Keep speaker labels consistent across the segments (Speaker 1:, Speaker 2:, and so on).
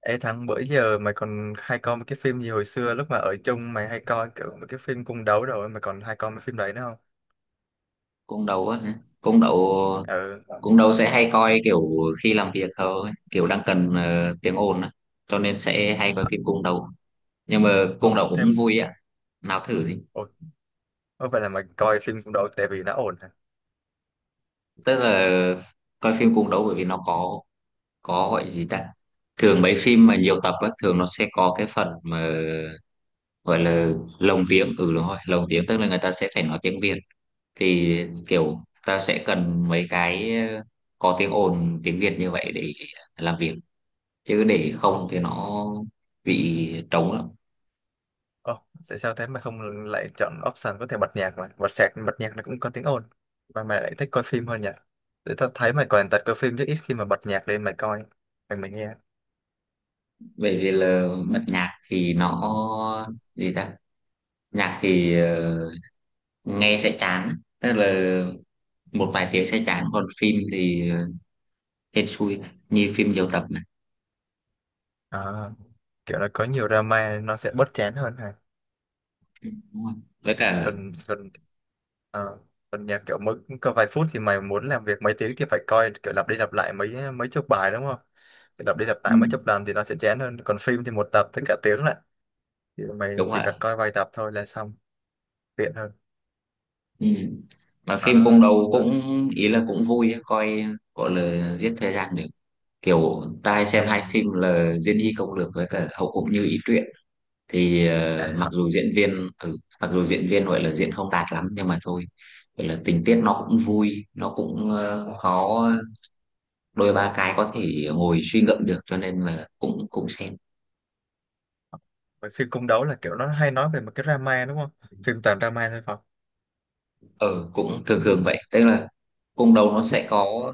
Speaker 1: Ê Thắng, bữa giờ mày còn hay coi một cái phim gì hồi xưa lúc mà ở chung mày hay coi kiểu một cái phim cung đấu rồi mày còn hay coi mấy phim đấy nữa không?
Speaker 2: Cung đấu á hả? cung đấu
Speaker 1: Ừ.
Speaker 2: cung đấu sẽ hay coi kiểu khi làm việc thôi, kiểu đang cần tiếng ồn á, cho nên sẽ hay coi phim cung đấu. Nhưng mà cung
Speaker 1: Ồ,
Speaker 2: đấu cũng
Speaker 1: thêm.
Speaker 2: vui á, nào thử đi.
Speaker 1: Ồ, có phải là mày coi phim cung đấu tại vì nó ổn hả?
Speaker 2: Tức là coi phim cung đấu bởi vì nó có gọi gì ta, thường mấy phim mà nhiều tập á thường nó sẽ có cái phần mà gọi là lồng tiếng, ừ đúng rồi, lồng tiếng tức là người ta sẽ phải nói tiếng Việt. Thì kiểu ta sẽ cần mấy cái có tiếng ồn tiếng Việt như vậy để làm việc, chứ để
Speaker 1: Ồ,
Speaker 2: không thì nó bị trống lắm.
Speaker 1: ồ, tại sao thế mày không lại chọn option có thể bật nhạc mà? Bật sạc, bật nhạc nó cũng có tiếng ồn. Mà mày lại thích coi phim hơn nhỉ? Để tao thấy mày còn tật coi phim chứ ít khi mà bật nhạc lên mày coi, mày mày nghe.
Speaker 2: Bởi vì là bật nhạc thì nó, gì ta, nhạc thì nghe sẽ chán, tức là một vài tiếng sẽ chán, còn phim thì hên xui, như phim nhiều tập này.
Speaker 1: À, kiểu là có nhiều drama nên nó sẽ bớt chán hơn hả?
Speaker 2: Ừ, đúng rồi. Với cả
Speaker 1: Còn còn Ờ, còn nhạc kiểu mỗi có vài phút thì mày muốn làm việc mấy tiếng thì phải coi kiểu lặp đi lặp lại mấy mấy chục bài đúng không? Kiểu lặp đi lặp
Speaker 2: ừ,
Speaker 1: lại mấy chục lần thì nó sẽ chán hơn. Còn phim thì một tập tới cả tiếng lại. Thì mày
Speaker 2: đúng
Speaker 1: chỉ
Speaker 2: rồi,
Speaker 1: cần coi vài tập thôi là xong, tiện hơn.
Speaker 2: ừ. Mà phim cũng
Speaker 1: À,
Speaker 2: đầu
Speaker 1: ừ.
Speaker 2: cũng, ý là cũng vui á, coi gọi là giết thời gian được. Kiểu ta hay
Speaker 1: Ừ.
Speaker 2: xem hai phim là Diên Hy Công Lược với cả Hậu Cũng Như Ý Truyện. Thì
Speaker 1: À,
Speaker 2: mặc
Speaker 1: hả?
Speaker 2: dù diễn viên, ừ, mặc dù diễn viên gọi là diễn không tạt lắm nhưng mà thôi, gọi là tình tiết nó cũng vui, nó cũng có đôi ba cái có thể ngồi suy ngẫm được, cho nên là cũng cũng xem.
Speaker 1: Mấy phim cung đấu là kiểu nó hay nói về một cái drama đúng không? Phim toàn drama thôi phải không?
Speaker 2: Ừ, cũng thường thường
Speaker 1: Đúng.
Speaker 2: vậy, tức là cung đấu nó sẽ có,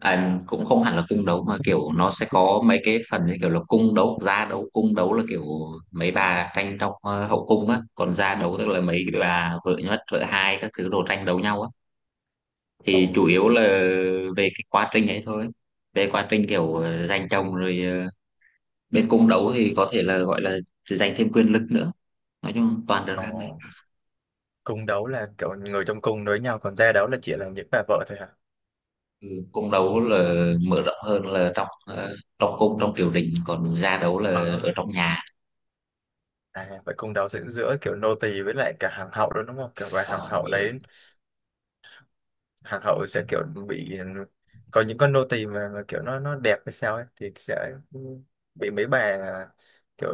Speaker 2: à, cũng không hẳn là cung đấu mà kiểu nó sẽ có mấy cái phần như kiểu là cung đấu, gia đấu. Cung đấu là kiểu mấy bà tranh trong hậu cung á, còn gia đấu tức là mấy bà vợ nhất, vợ hai các thứ đồ tranh đấu nhau á.
Speaker 1: Ồ,
Speaker 2: Thì chủ yếu là về cái quá trình ấy thôi, về quá trình kiểu giành chồng rồi bên cung đấu thì có thể là gọi là giành thêm quyền lực nữa. Nói chung toàn drama.
Speaker 1: ồ, cung đấu là kiểu người trong cung đối nhau còn gia đấu là chỉ là những bà vợ thôi hả?
Speaker 2: Ừ, cung đấu là mở rộng hơn là trong trong cung, trong triều đình, còn gia đấu là ở
Speaker 1: À.
Speaker 2: trong nhà.
Speaker 1: À, vậy cung đấu diễn giữa kiểu nô tỳ với lại cả hàng hậu đó đúng không? Kiểu và hàng hậu đấy, hàng hậu sẽ kiểu bị có những con nô tỳ mà kiểu nó đẹp hay sao ấy thì sẽ bị mấy bà kiểu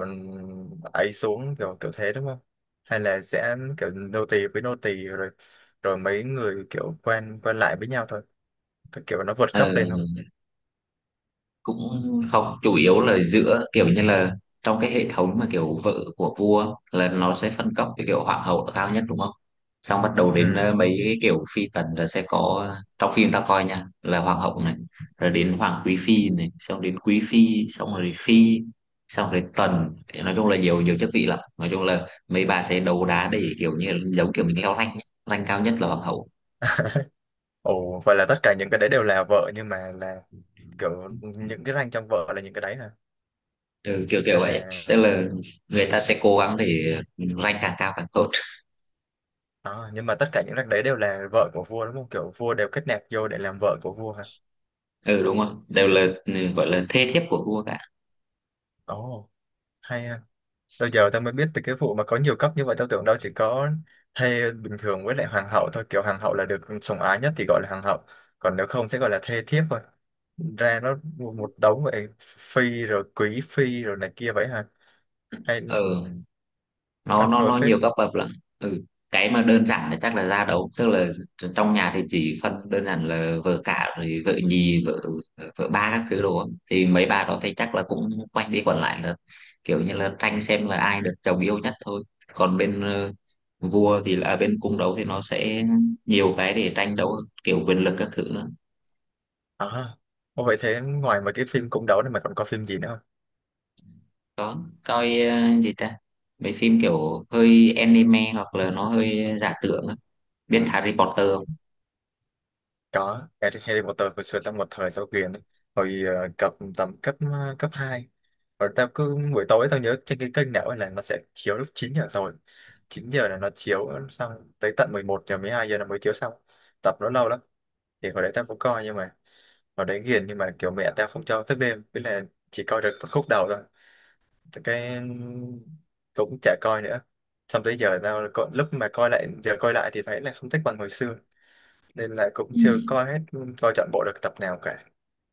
Speaker 1: ấy xuống kiểu kiểu thế đúng không? Hay là sẽ kiểu nô tỳ với nô tỳ rồi rồi mấy người kiểu quen quen lại với nhau thôi, cái kiểu nó vượt
Speaker 2: Ờ,
Speaker 1: cấp lên không?
Speaker 2: cũng không, chủ yếu là giữa kiểu như là trong cái hệ thống mà kiểu vợ của vua là nó sẽ phân cấp, cái kiểu hoàng hậu là cao nhất đúng không, xong bắt đầu đến
Speaker 1: Ừ.
Speaker 2: mấy cái kiểu phi tần là sẽ có. Trong phim ta coi nha là hoàng hậu này, rồi đến hoàng quý phi này, xong đến quý phi, xong rồi phi, xong rồi tần. Thì nói chung là nhiều nhiều chức vị lắm, nói chung là mấy bà sẽ đấu đá để kiểu như giống kiểu mình leo rank ấy. Rank cao nhất là hoàng hậu.
Speaker 1: Ồ, vậy là tất cả những cái đấy đều là vợ nhưng mà là kiểu những cái rank trong vợ là những cái đấy hả?
Speaker 2: Ừ, kiểu kiểu
Speaker 1: Hay
Speaker 2: vậy, tức
Speaker 1: là
Speaker 2: là người ta sẽ cố gắng để rank càng cao càng tốt.
Speaker 1: À, nhưng mà tất cả những rác đấy đều là vợ của vua đúng không? Kiểu vua đều kết nạp vô để làm vợ của vua hả?
Speaker 2: Ừ đúng rồi, đều là ừ, gọi là thê thiếp của vua cả.
Speaker 1: Ồ, hay ha. Tao giờ tao mới biết từ cái vụ mà có nhiều cấp như vậy tao tưởng đâu chỉ có thê bình thường với lại hoàng hậu thôi. Kiểu hoàng hậu là được sủng ái nhất thì gọi là hoàng hậu. Còn nếu không sẽ gọi là thê thiếp thôi. Ra nó một đống vậy phi rồi quý phi rồi này kia vậy hả? Hay
Speaker 2: Ừ, nó
Speaker 1: rắc
Speaker 2: nó
Speaker 1: rối
Speaker 2: nó
Speaker 1: phết.
Speaker 2: nhiều cấp bậc lắm. Ừ, cái mà đơn giản thì chắc là gia đấu, tức là trong nhà thì chỉ phân đơn giản là vợ cả, rồi vợ nhì, vợ vợ ba các thứ đồ á. Thì mấy bà đó thì chắc là cũng quanh đi quẩn lại là kiểu như là tranh xem là ai được chồng yêu nhất thôi. Còn bên vua thì là à, bên cung đấu thì nó sẽ nhiều cái để tranh đấu, kiểu quyền lực các thứ nữa.
Speaker 1: À, ô vậy thế ngoài mấy cái phim cung đấu này mà còn có phim gì nữa không?
Speaker 2: Có, coi gì ta, mấy phim kiểu hơi anime hoặc là nó hơi giả tưởng á. Biết Harry Potter không?
Speaker 1: Có, Harry Harry Potter hồi xưa tao một thời tao ghiền ấy. Hồi cấp tầm cấp cấp 2 rồi tao cứ buổi tối tao nhớ trên cái kênh nào ấy là nó sẽ chiếu lúc 9 giờ tối, 9 giờ là nó chiếu xong tới tận 11 giờ 12 giờ là mới chiếu xong, tập nó lâu lắm. Thì hồi đấy tao cũng coi nhưng mà hồi đấy ghiền nhưng mà kiểu mẹ tao không cho thức đêm với là chỉ coi được một khúc đầu thôi. Thì cái cũng chả coi nữa, xong tới giờ tao có, lúc mà coi lại giờ coi lại thì thấy là không thích bằng hồi xưa nên là cũng chưa
Speaker 2: Ừ.
Speaker 1: coi hết, coi trọn bộ được tập nào cả.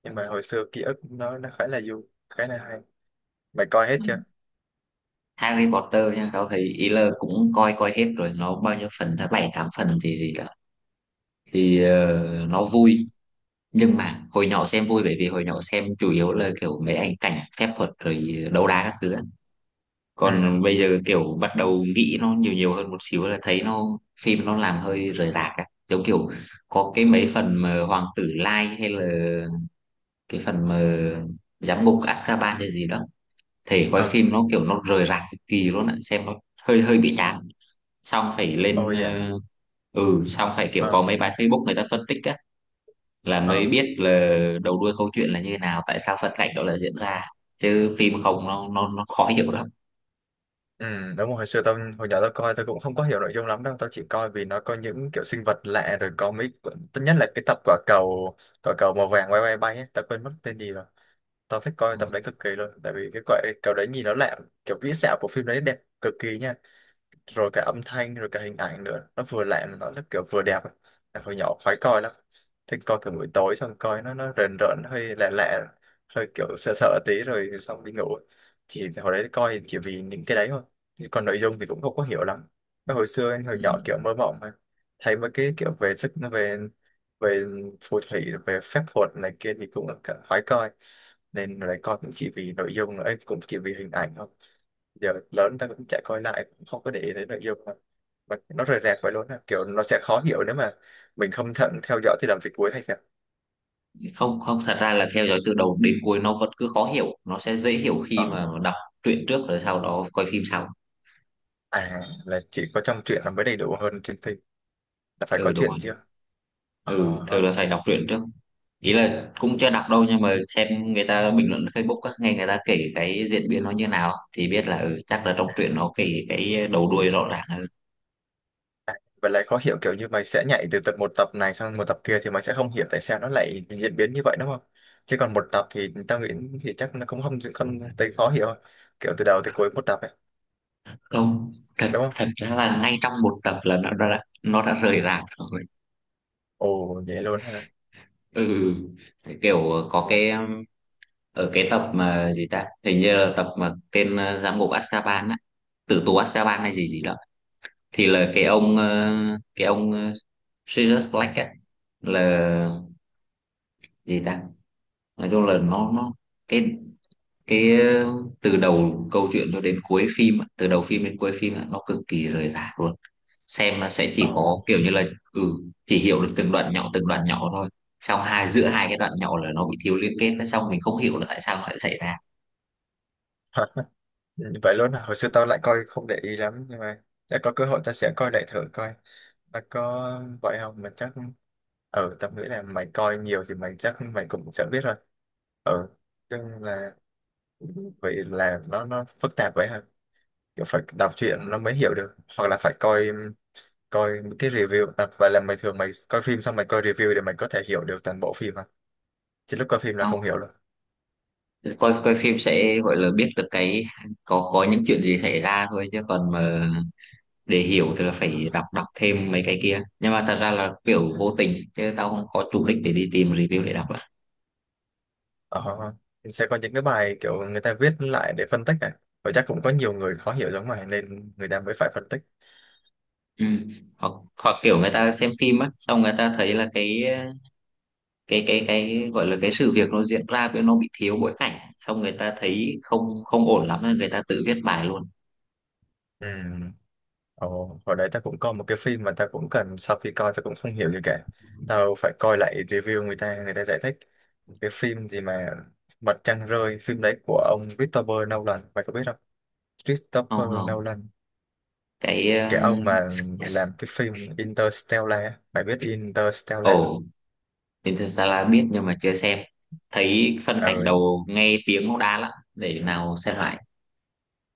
Speaker 1: Nhưng mà hồi xưa ký ức nó khá là vui, khá là hay. Mày coi hết
Speaker 2: Ừ.
Speaker 1: chưa?
Speaker 2: Harry Potter nha, tao thấy ý là cũng coi coi hết rồi, nó bao nhiêu phần ta, bảy tám phần thì là- thì nó vui, nhưng mà hồi nhỏ xem vui bởi vì hồi nhỏ xem chủ yếu là kiểu mấy ảnh cảnh phép thuật rồi đấu đá các thứ á. Còn
Speaker 1: Ừ.
Speaker 2: bây giờ kiểu bắt đầu nghĩ nó nhiều nhiều hơn một xíu là thấy nó, phim nó làm hơi rời rạc á, giống kiểu có cái mấy phần mà Hoàng tử Lai, hay là cái phần mà giám ngục Azkaban hay gì đó, thể coi
Speaker 1: Ờ.
Speaker 2: phim nó kiểu nó rời rạc cực kỳ luôn ạ, xem nó hơi hơi bị chán. Xong phải lên
Speaker 1: Ôi dạ.
Speaker 2: ừ, xong phải kiểu có
Speaker 1: Ờ.
Speaker 2: mấy bài Facebook người ta phân tích á, là mới
Speaker 1: Ờ.
Speaker 2: biết là đầu đuôi câu chuyện là như thế nào, tại sao phân cảnh đó là diễn ra, chứ phim không nó khó hiểu lắm.
Speaker 1: Ừ, đúng rồi. Hồi xưa tao hồi nhỏ tao coi tao cũng không có hiểu nội dung lắm đâu, tao chỉ coi vì nó có những kiểu sinh vật lạ rồi có mấy tất nhất là cái tập quả cầu, quả cầu màu vàng quay quay bay ấy. Tao quên mất tên gì rồi. Tao thích coi tập đấy cực kỳ luôn tại vì cái quả cầu đấy nhìn nó lạ, kiểu kỹ xảo của phim đấy đẹp cực kỳ nha, rồi cả âm thanh rồi cả hình ảnh nữa nó vừa lạ, nó kiểu vừa đẹp ấy. Em hồi nhỏ khoái coi lắm, thích coi kiểu buổi tối xong coi nó rền rợn hơi lạ lạ, hơi kiểu sợ sợ tí rồi xong đi ngủ. Thì hồi đấy coi chỉ vì những cái đấy thôi. Chứ còn nội dung thì cũng không có hiểu lắm. Cái hồi xưa anh hồi nhỏ kiểu mơ mộng mà, thấy mấy cái kiểu về sức về về phù thủy về phép thuật này kia thì cũng cả khoái coi nên lại coi cũng chỉ vì nội dung ấy, cũng chỉ vì hình ảnh thôi. Giờ lớn ta cũng chạy coi lại cũng không có để ý tới nội dung mà nó rời rạc vậy luôn á kiểu nó sẽ khó hiểu nếu mà mình không thận theo dõi thì làm việc cuối hay sao.
Speaker 2: Không không, thật ra là theo dõi từ đầu đến cuối nó vẫn cứ khó hiểu, nó sẽ dễ hiểu khi
Speaker 1: Ờ.
Speaker 2: mà đọc truyện trước rồi sau đó coi phim sau.
Speaker 1: À là chỉ có trong truyện là mới đầy đủ hơn trên phim, là phải có
Speaker 2: Ừ đúng rồi.
Speaker 1: chuyện chưa.
Speaker 2: Ừ, thường
Speaker 1: Ờ.
Speaker 2: là phải đọc truyện trước, ý là cũng chưa đọc đâu nhưng mà xem người ta bình luận Facebook á, nghe người ta kể cái diễn biến nó như nào á, thì biết là ừ, chắc là trong truyện nó kể cái đầu đuôi rõ ràng hơn.
Speaker 1: À, vậy lại khó hiểu kiểu như mày sẽ nhảy từ tập một tập này sang một tập kia thì mày sẽ không hiểu tại sao nó lại diễn biến như vậy đúng không, chứ còn một tập thì tao nghĩ thì chắc nó cũng không không tới khó hiểu, kiểu từ đầu tới cuối một tập ấy
Speaker 2: Không thật,
Speaker 1: đúng không?
Speaker 2: thật ra là ngay trong một tập là nó đã rời rạc rồi.
Speaker 1: Ồ vậy luôn ha.
Speaker 2: Ừ, kiểu có
Speaker 1: Ồ.
Speaker 2: cái ở cái tập mà gì ta, hình như là tập mà tên giám ngục Azkaban á, tử tù Azkaban hay gì gì đó, thì là cái ông cái ông ờ, Sirius Black á, là gì ta, nói chung là nó, cái cái ờ, từ đầu câu chuyện cho đến cuối phim á, từ đầu phim đến cuối phim á, nó cực kỳ rời rạc luôn. Xem nó sẽ chỉ có
Speaker 1: Ồ.
Speaker 2: kiểu như là ừ, chỉ hiểu được từng đoạn nhỏ thôi, xong hai giữa hai cái đoạn nhỏ là nó bị thiếu liên kết, xong mình không hiểu là tại sao nó lại xảy ra.
Speaker 1: Ừ, vậy luôn à? Hồi xưa tao lại coi không để ý lắm nhưng mà chắc có cơ hội tao sẽ coi lại thử coi nó có vậy không mà chắc, ừ, tao nghĩ là mày coi nhiều thì mày chắc mày cũng sẽ biết rồi. Ừ, nhưng là vậy là nó phức tạp vậy hả, kiểu phải đọc truyện nó mới hiểu được hoặc là phải coi, coi những cái review à? Vậy là mày thường mày coi phim xong mày coi review để mày có thể hiểu được toàn bộ phim à, chứ lúc coi phim là
Speaker 2: Ờ,
Speaker 1: không hiểu
Speaker 2: coi coi phim sẽ gọi là biết được cái có những chuyện gì xảy ra thôi, chứ còn mà để hiểu thì là phải đọc đọc thêm mấy cái kia, nhưng mà thật ra là kiểu
Speaker 1: được?
Speaker 2: vô tình chứ tao không có chủ đích để đi tìm review để đọc lại.
Speaker 1: Ờ, sẽ có những cái bài kiểu người ta viết lại để phân tích này, và chắc cũng có nhiều người khó hiểu giống mày nên người ta mới phải phân tích.
Speaker 2: Ừ. Hoặc hoặc kiểu người ta xem phim á, xong người ta thấy là cái cái gọi là cái sự việc nó diễn ra với nó bị thiếu bối cảnh, xong người ta thấy không, không ổn lắm nên người ta tự viết bài luôn.
Speaker 1: Ừ. Ồ, hồi đấy ta cũng coi một cái phim mà ta cũng cần sau khi coi ta cũng không hiểu gì cả, tao phải coi lại review người ta giải thích cái phim gì mà Mặt Trăng Rơi, phim đấy của ông Christopher Nolan mày có biết không? Christopher
Speaker 2: Không không,
Speaker 1: Nolan
Speaker 2: cái
Speaker 1: cái ông mà
Speaker 2: s- s-
Speaker 1: làm cái phim Interstellar á. Mày biết Interstellar không?
Speaker 2: ồ, Interstellar biết nhưng mà chưa xem, thấy phân cảnh
Speaker 1: Ừ,
Speaker 2: đầu nghe tiếng cũng đã lắm, để nào xem lại.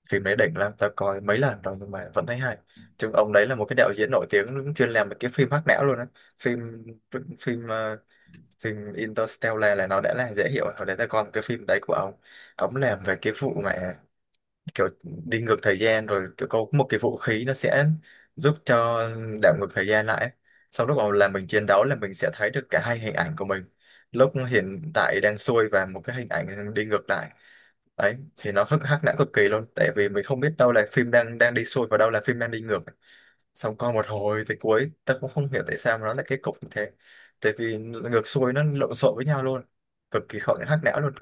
Speaker 1: phim đấy đỉnh lắm tao coi mấy lần rồi nhưng mà vẫn thấy hay. Chứ ông đấy là một cái đạo diễn nổi tiếng chuyên làm mấy cái phim hack não luôn á. Phim phim phim Interstellar là nó đã là dễ hiểu rồi, hồi đấy tao coi một cái phim đấy của ông làm về cái vụ mà kiểu đi ngược thời gian, rồi kiểu có một cái vũ khí nó sẽ giúp cho đảo ngược thời gian lại, sau lúc mà làm mình chiến đấu là mình sẽ thấy được cả hai hình ảnh của mình lúc hiện tại đang xuôi và một cái hình ảnh đi ngược lại. Đấy thì nó hắc hắc não cực kỳ luôn tại vì mình không biết đâu là phim đang đang đi xuôi và đâu là phim đang đi ngược, xong coi một hồi tới cuối ta cũng không hiểu tại sao mà nó lại kết cục như thế tại vì ngược xuôi nó lộn xộn với nhau luôn, cực kỳ khó hắc não luôn.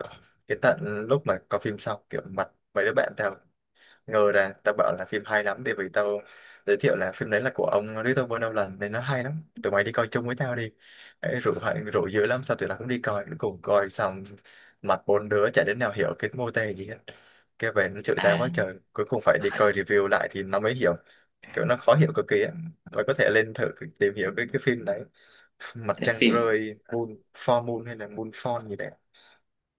Speaker 1: Cái tận lúc mà có phim xong kiểu mặt mấy đứa bạn tao ngờ ra, tao bảo là phim hay lắm thì vì tao giới thiệu là phim đấy là của ông Christopher Nolan nên nó hay lắm tụi mày đi coi chung với tao đi. Ấy, rủ dữ lắm sao tụi nó cũng đi coi cuối cùng coi xong mặt bốn đứa chả đến nào hiểu cái mô tê gì hết, cái về nó chửi tao
Speaker 2: À
Speaker 1: quá trời cuối cùng phải đi coi review lại thì nó mới hiểu, kiểu nó khó hiểu cực kỳ á. Mày có thể lên thử tìm hiểu cái phim đấy, Mặt
Speaker 2: thế
Speaker 1: Trăng
Speaker 2: phim,
Speaker 1: Rơi, moon for moon hay là moon fall gì đấy,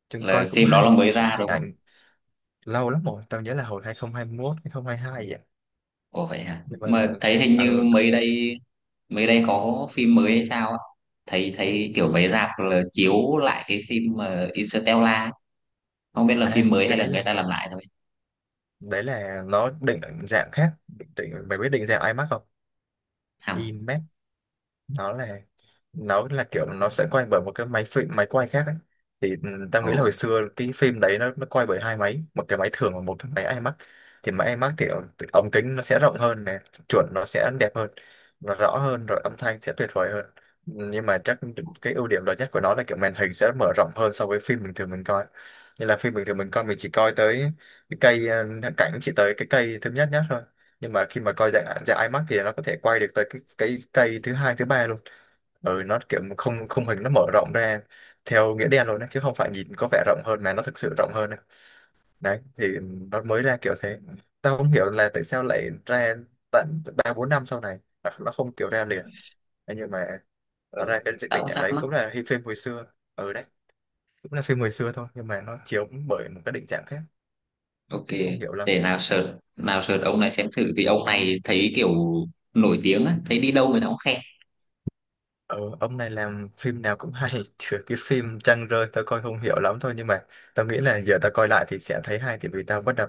Speaker 1: chừng
Speaker 2: là
Speaker 1: coi cũng
Speaker 2: phim đó là
Speaker 1: hay
Speaker 2: mới ra
Speaker 1: hình
Speaker 2: đúng không?
Speaker 1: ảnh. Lâu lắm rồi tao nhớ là hồi 2021 2022 vậy,
Speaker 2: Ồ vậy hả,
Speaker 1: nhưng mà
Speaker 2: mà thấy hình như
Speaker 1: ừ.
Speaker 2: mấy đây có phim mới hay sao á, thấy thấy kiểu mấy rạp là chiếu lại cái phim mà Interstellar ấy. Không biết là
Speaker 1: À
Speaker 2: phim mới
Speaker 1: cái
Speaker 2: hay là người ta làm lại thôi.
Speaker 1: đấy là nó định dạng khác định mày biết định dạng IMAC không?
Speaker 2: Hầm.
Speaker 1: IMAC nó là nó là kiểu nó sẽ quay bởi một cái máy phim máy quay khác ấy. Thì tao
Speaker 2: Ồ.
Speaker 1: nghĩ là hồi xưa cái phim đấy nó quay bởi hai máy, một cái máy thường và một cái máy IMAX. Thì máy IMAX thì ống ống kính nó sẽ rộng hơn này, chuẩn nó sẽ đẹp hơn, nó rõ hơn, rồi âm thanh sẽ tuyệt vời hơn. Nhưng mà chắc cái ưu điểm lớn nhất của nó là kiểu màn hình sẽ mở rộng hơn so với phim bình thường mình coi. Như là phim bình thường mình coi mình chỉ coi tới cái cây cảnh chỉ tới cái cây thứ nhất nhất thôi. Nhưng mà khi mà coi dạng dạng IMAX thì nó có thể quay được tới cái cây thứ hai thứ ba. Ừ, nó kiểu không, khung hình nó mở rộng ra theo nghĩa đen luôn đấy, chứ không phải nhìn có vẻ rộng hơn mà nó thực sự rộng hơn đấy. Đấy thì nó mới ra kiểu thế. Tao không hiểu là tại sao lại ra tận ba bốn năm sau này. Hoặc nó không kiểu ra liền thế. Nhưng mà nó
Speaker 2: Ừ.
Speaker 1: ra cái
Speaker 2: Tao
Speaker 1: định
Speaker 2: cũng
Speaker 1: dạng
Speaker 2: thắc
Speaker 1: đấy
Speaker 2: mắc.
Speaker 1: cũng là phim hồi xưa. Ừ đấy, cũng là phim hồi xưa thôi nhưng mà nó chiếu bởi một cái định dạng khác.
Speaker 2: Ok,
Speaker 1: Cũng không hiểu lắm.
Speaker 2: để nào search, nào search ông này xem thử, vì ông này thấy kiểu nổi tiếng á, thấy đi đâu người ta cũng khen.
Speaker 1: Ờ, ông này làm phim nào cũng hay trừ cái phim Trăng Rơi tao coi không hiểu lắm thôi. Nhưng mà tao nghĩ là giờ tao coi lại thì sẽ thấy hay, thì vì tao bắt đầu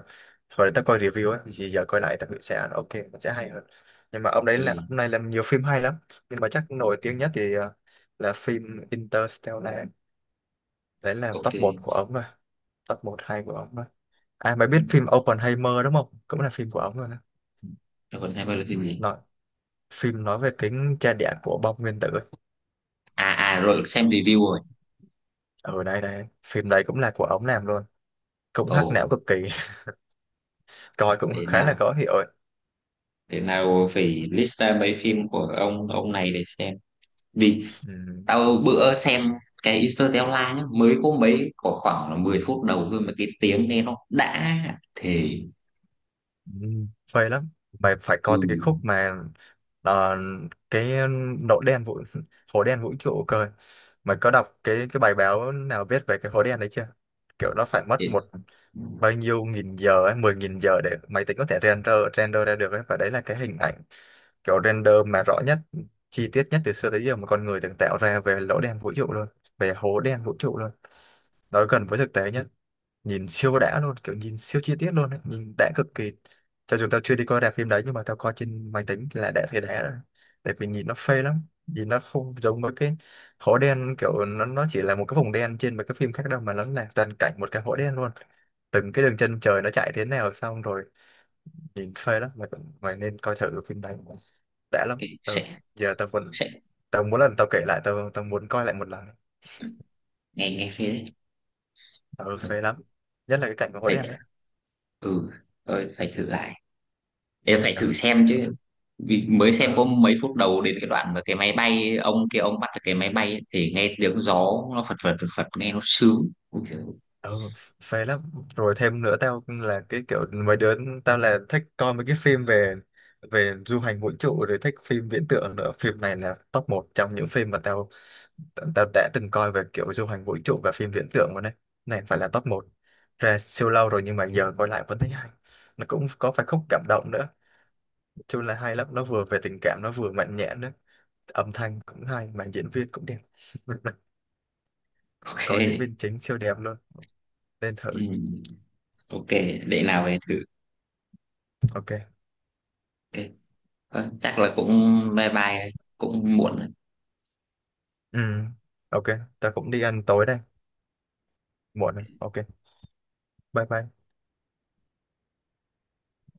Speaker 1: hồi đó tao coi review ấy, thì giờ coi lại tao nghĩ sẽ ok, nó sẽ hay hơn. Nhưng mà ông đấy
Speaker 2: Ừ.
Speaker 1: là ông này làm nhiều phim hay lắm. Nhưng mà chắc nổi tiếng nhất thì là phim Interstellar. Đấy là
Speaker 2: Ok.
Speaker 1: top một của ông rồi, top một hay của ông rồi. À mày biết phim Oppenheimer đúng không, cũng là phim của ông rồi đó.
Speaker 2: Rồi còn hai ba lượt phim gì?
Speaker 1: Nói phim nói về kính cha đẻ của bom nguyên tử ấy.
Speaker 2: À à, rồi xem review rồi.
Speaker 1: Ở đây đây phim đấy cũng là của ông làm luôn, cũng
Speaker 2: Ồ.
Speaker 1: hắc não cực kỳ. Coi cũng
Speaker 2: Để
Speaker 1: khá là
Speaker 2: nào,
Speaker 1: khó hiểu ấy.
Speaker 2: để nào phải list ra mấy phim của ông này để xem. Vì
Speaker 1: Ừ.
Speaker 2: tao bữa xem cái Interstellar nhá, mới có mấy, có khoảng là 10 phút đầu thôi mà cái tiếng nghe nó đã, thì
Speaker 1: Ừ, phê lắm. Mày phải
Speaker 2: ừ.
Speaker 1: coi từ cái khúc mà ờ, cái nỗi đen vũ hố đen vũ trụ cơ. Mày có đọc cái bài báo nào viết về cái hố đen đấy chưa? Kiểu nó phải mất
Speaker 2: Để,
Speaker 1: một
Speaker 2: ừ,
Speaker 1: bao nhiêu nghìn giờ ấy, 10.000 giờ để máy tính có thể render render ra được ấy, và đấy là cái hình ảnh kiểu render mà rõ nhất, chi tiết nhất từ xưa tới giờ mà con người từng tạo ra về lỗ đen vũ trụ luôn, về hố đen vũ trụ luôn. Nó gần với thực tế nhất, nhìn siêu đã luôn, kiểu nhìn siêu chi tiết luôn ấy. Nhìn đã cực kỳ. Cho dù tao chưa đi coi rạp phim đấy nhưng mà tao coi trên máy tính là đã thấy đã rồi. Tại vì nhìn nó phê lắm. Nhìn nó không giống với cái hố đen kiểu nó chỉ là một cái vùng đen trên mấy cái phim khác đâu, mà nó là toàn cảnh một cái hố đen luôn. Từng cái đường chân trời nó chạy thế nào xong rồi, nhìn phê lắm. Mày cũng- mày nên coi thử phim đấy, đã lắm.
Speaker 2: cái- sẽ
Speaker 1: Ừ. Giờ tao vẫn
Speaker 2: sẽ
Speaker 1: tao muốn lần tao kể lại, tao tao muốn coi lại một lần.
Speaker 2: nghe, nghe phê đấy.
Speaker 1: Ừ,
Speaker 2: Ừ,
Speaker 1: phê lắm, nhất là cái cảnh của hố
Speaker 2: phải,
Speaker 1: đen đấy.
Speaker 2: ừ, rồi phải thử lại, em phải thử
Speaker 1: Ừ.
Speaker 2: xem chứ. Vì mới xem có
Speaker 1: Ừ.
Speaker 2: mấy phút đầu đến cái đoạn mà cái máy bay ông kia ông bắt được cái máy bay ấy, thì nghe tiếng gió nó phật phật phật phật nghe nó sướng. Ui giời,
Speaker 1: Ừ, phê lắm. Rồi thêm nữa tao là cái kiểu mấy đứa, tao là thích coi mấy cái phim về về du hành vũ trụ, rồi thích phim viễn tưởng nữa. Phim này là top một trong những phim mà tao tao đã từng coi về kiểu du hành vũ trụ và phim viễn tưởng luôn đấy. Này phải là top một. Ra siêu lâu rồi nhưng mà giờ coi lại vẫn thấy hay. Nó cũng có phải khúc cảm động nữa, chung là hay lắm. Nó vừa về tình cảm nó vừa mạnh mẽ nữa, âm thanh cũng hay mà diễn viên cũng đẹp. Coi diễn
Speaker 2: ok.
Speaker 1: viên chính siêu đẹp luôn, nên thử.
Speaker 2: Ừ. Ok, để nào về thử.
Speaker 1: Ok.
Speaker 2: Ok. Thôi, chắc là cũng bye bye, cũng muộn.
Speaker 1: Ừ, ok, ta cũng đi ăn tối đây, muộn rồi. Ok, bye bye.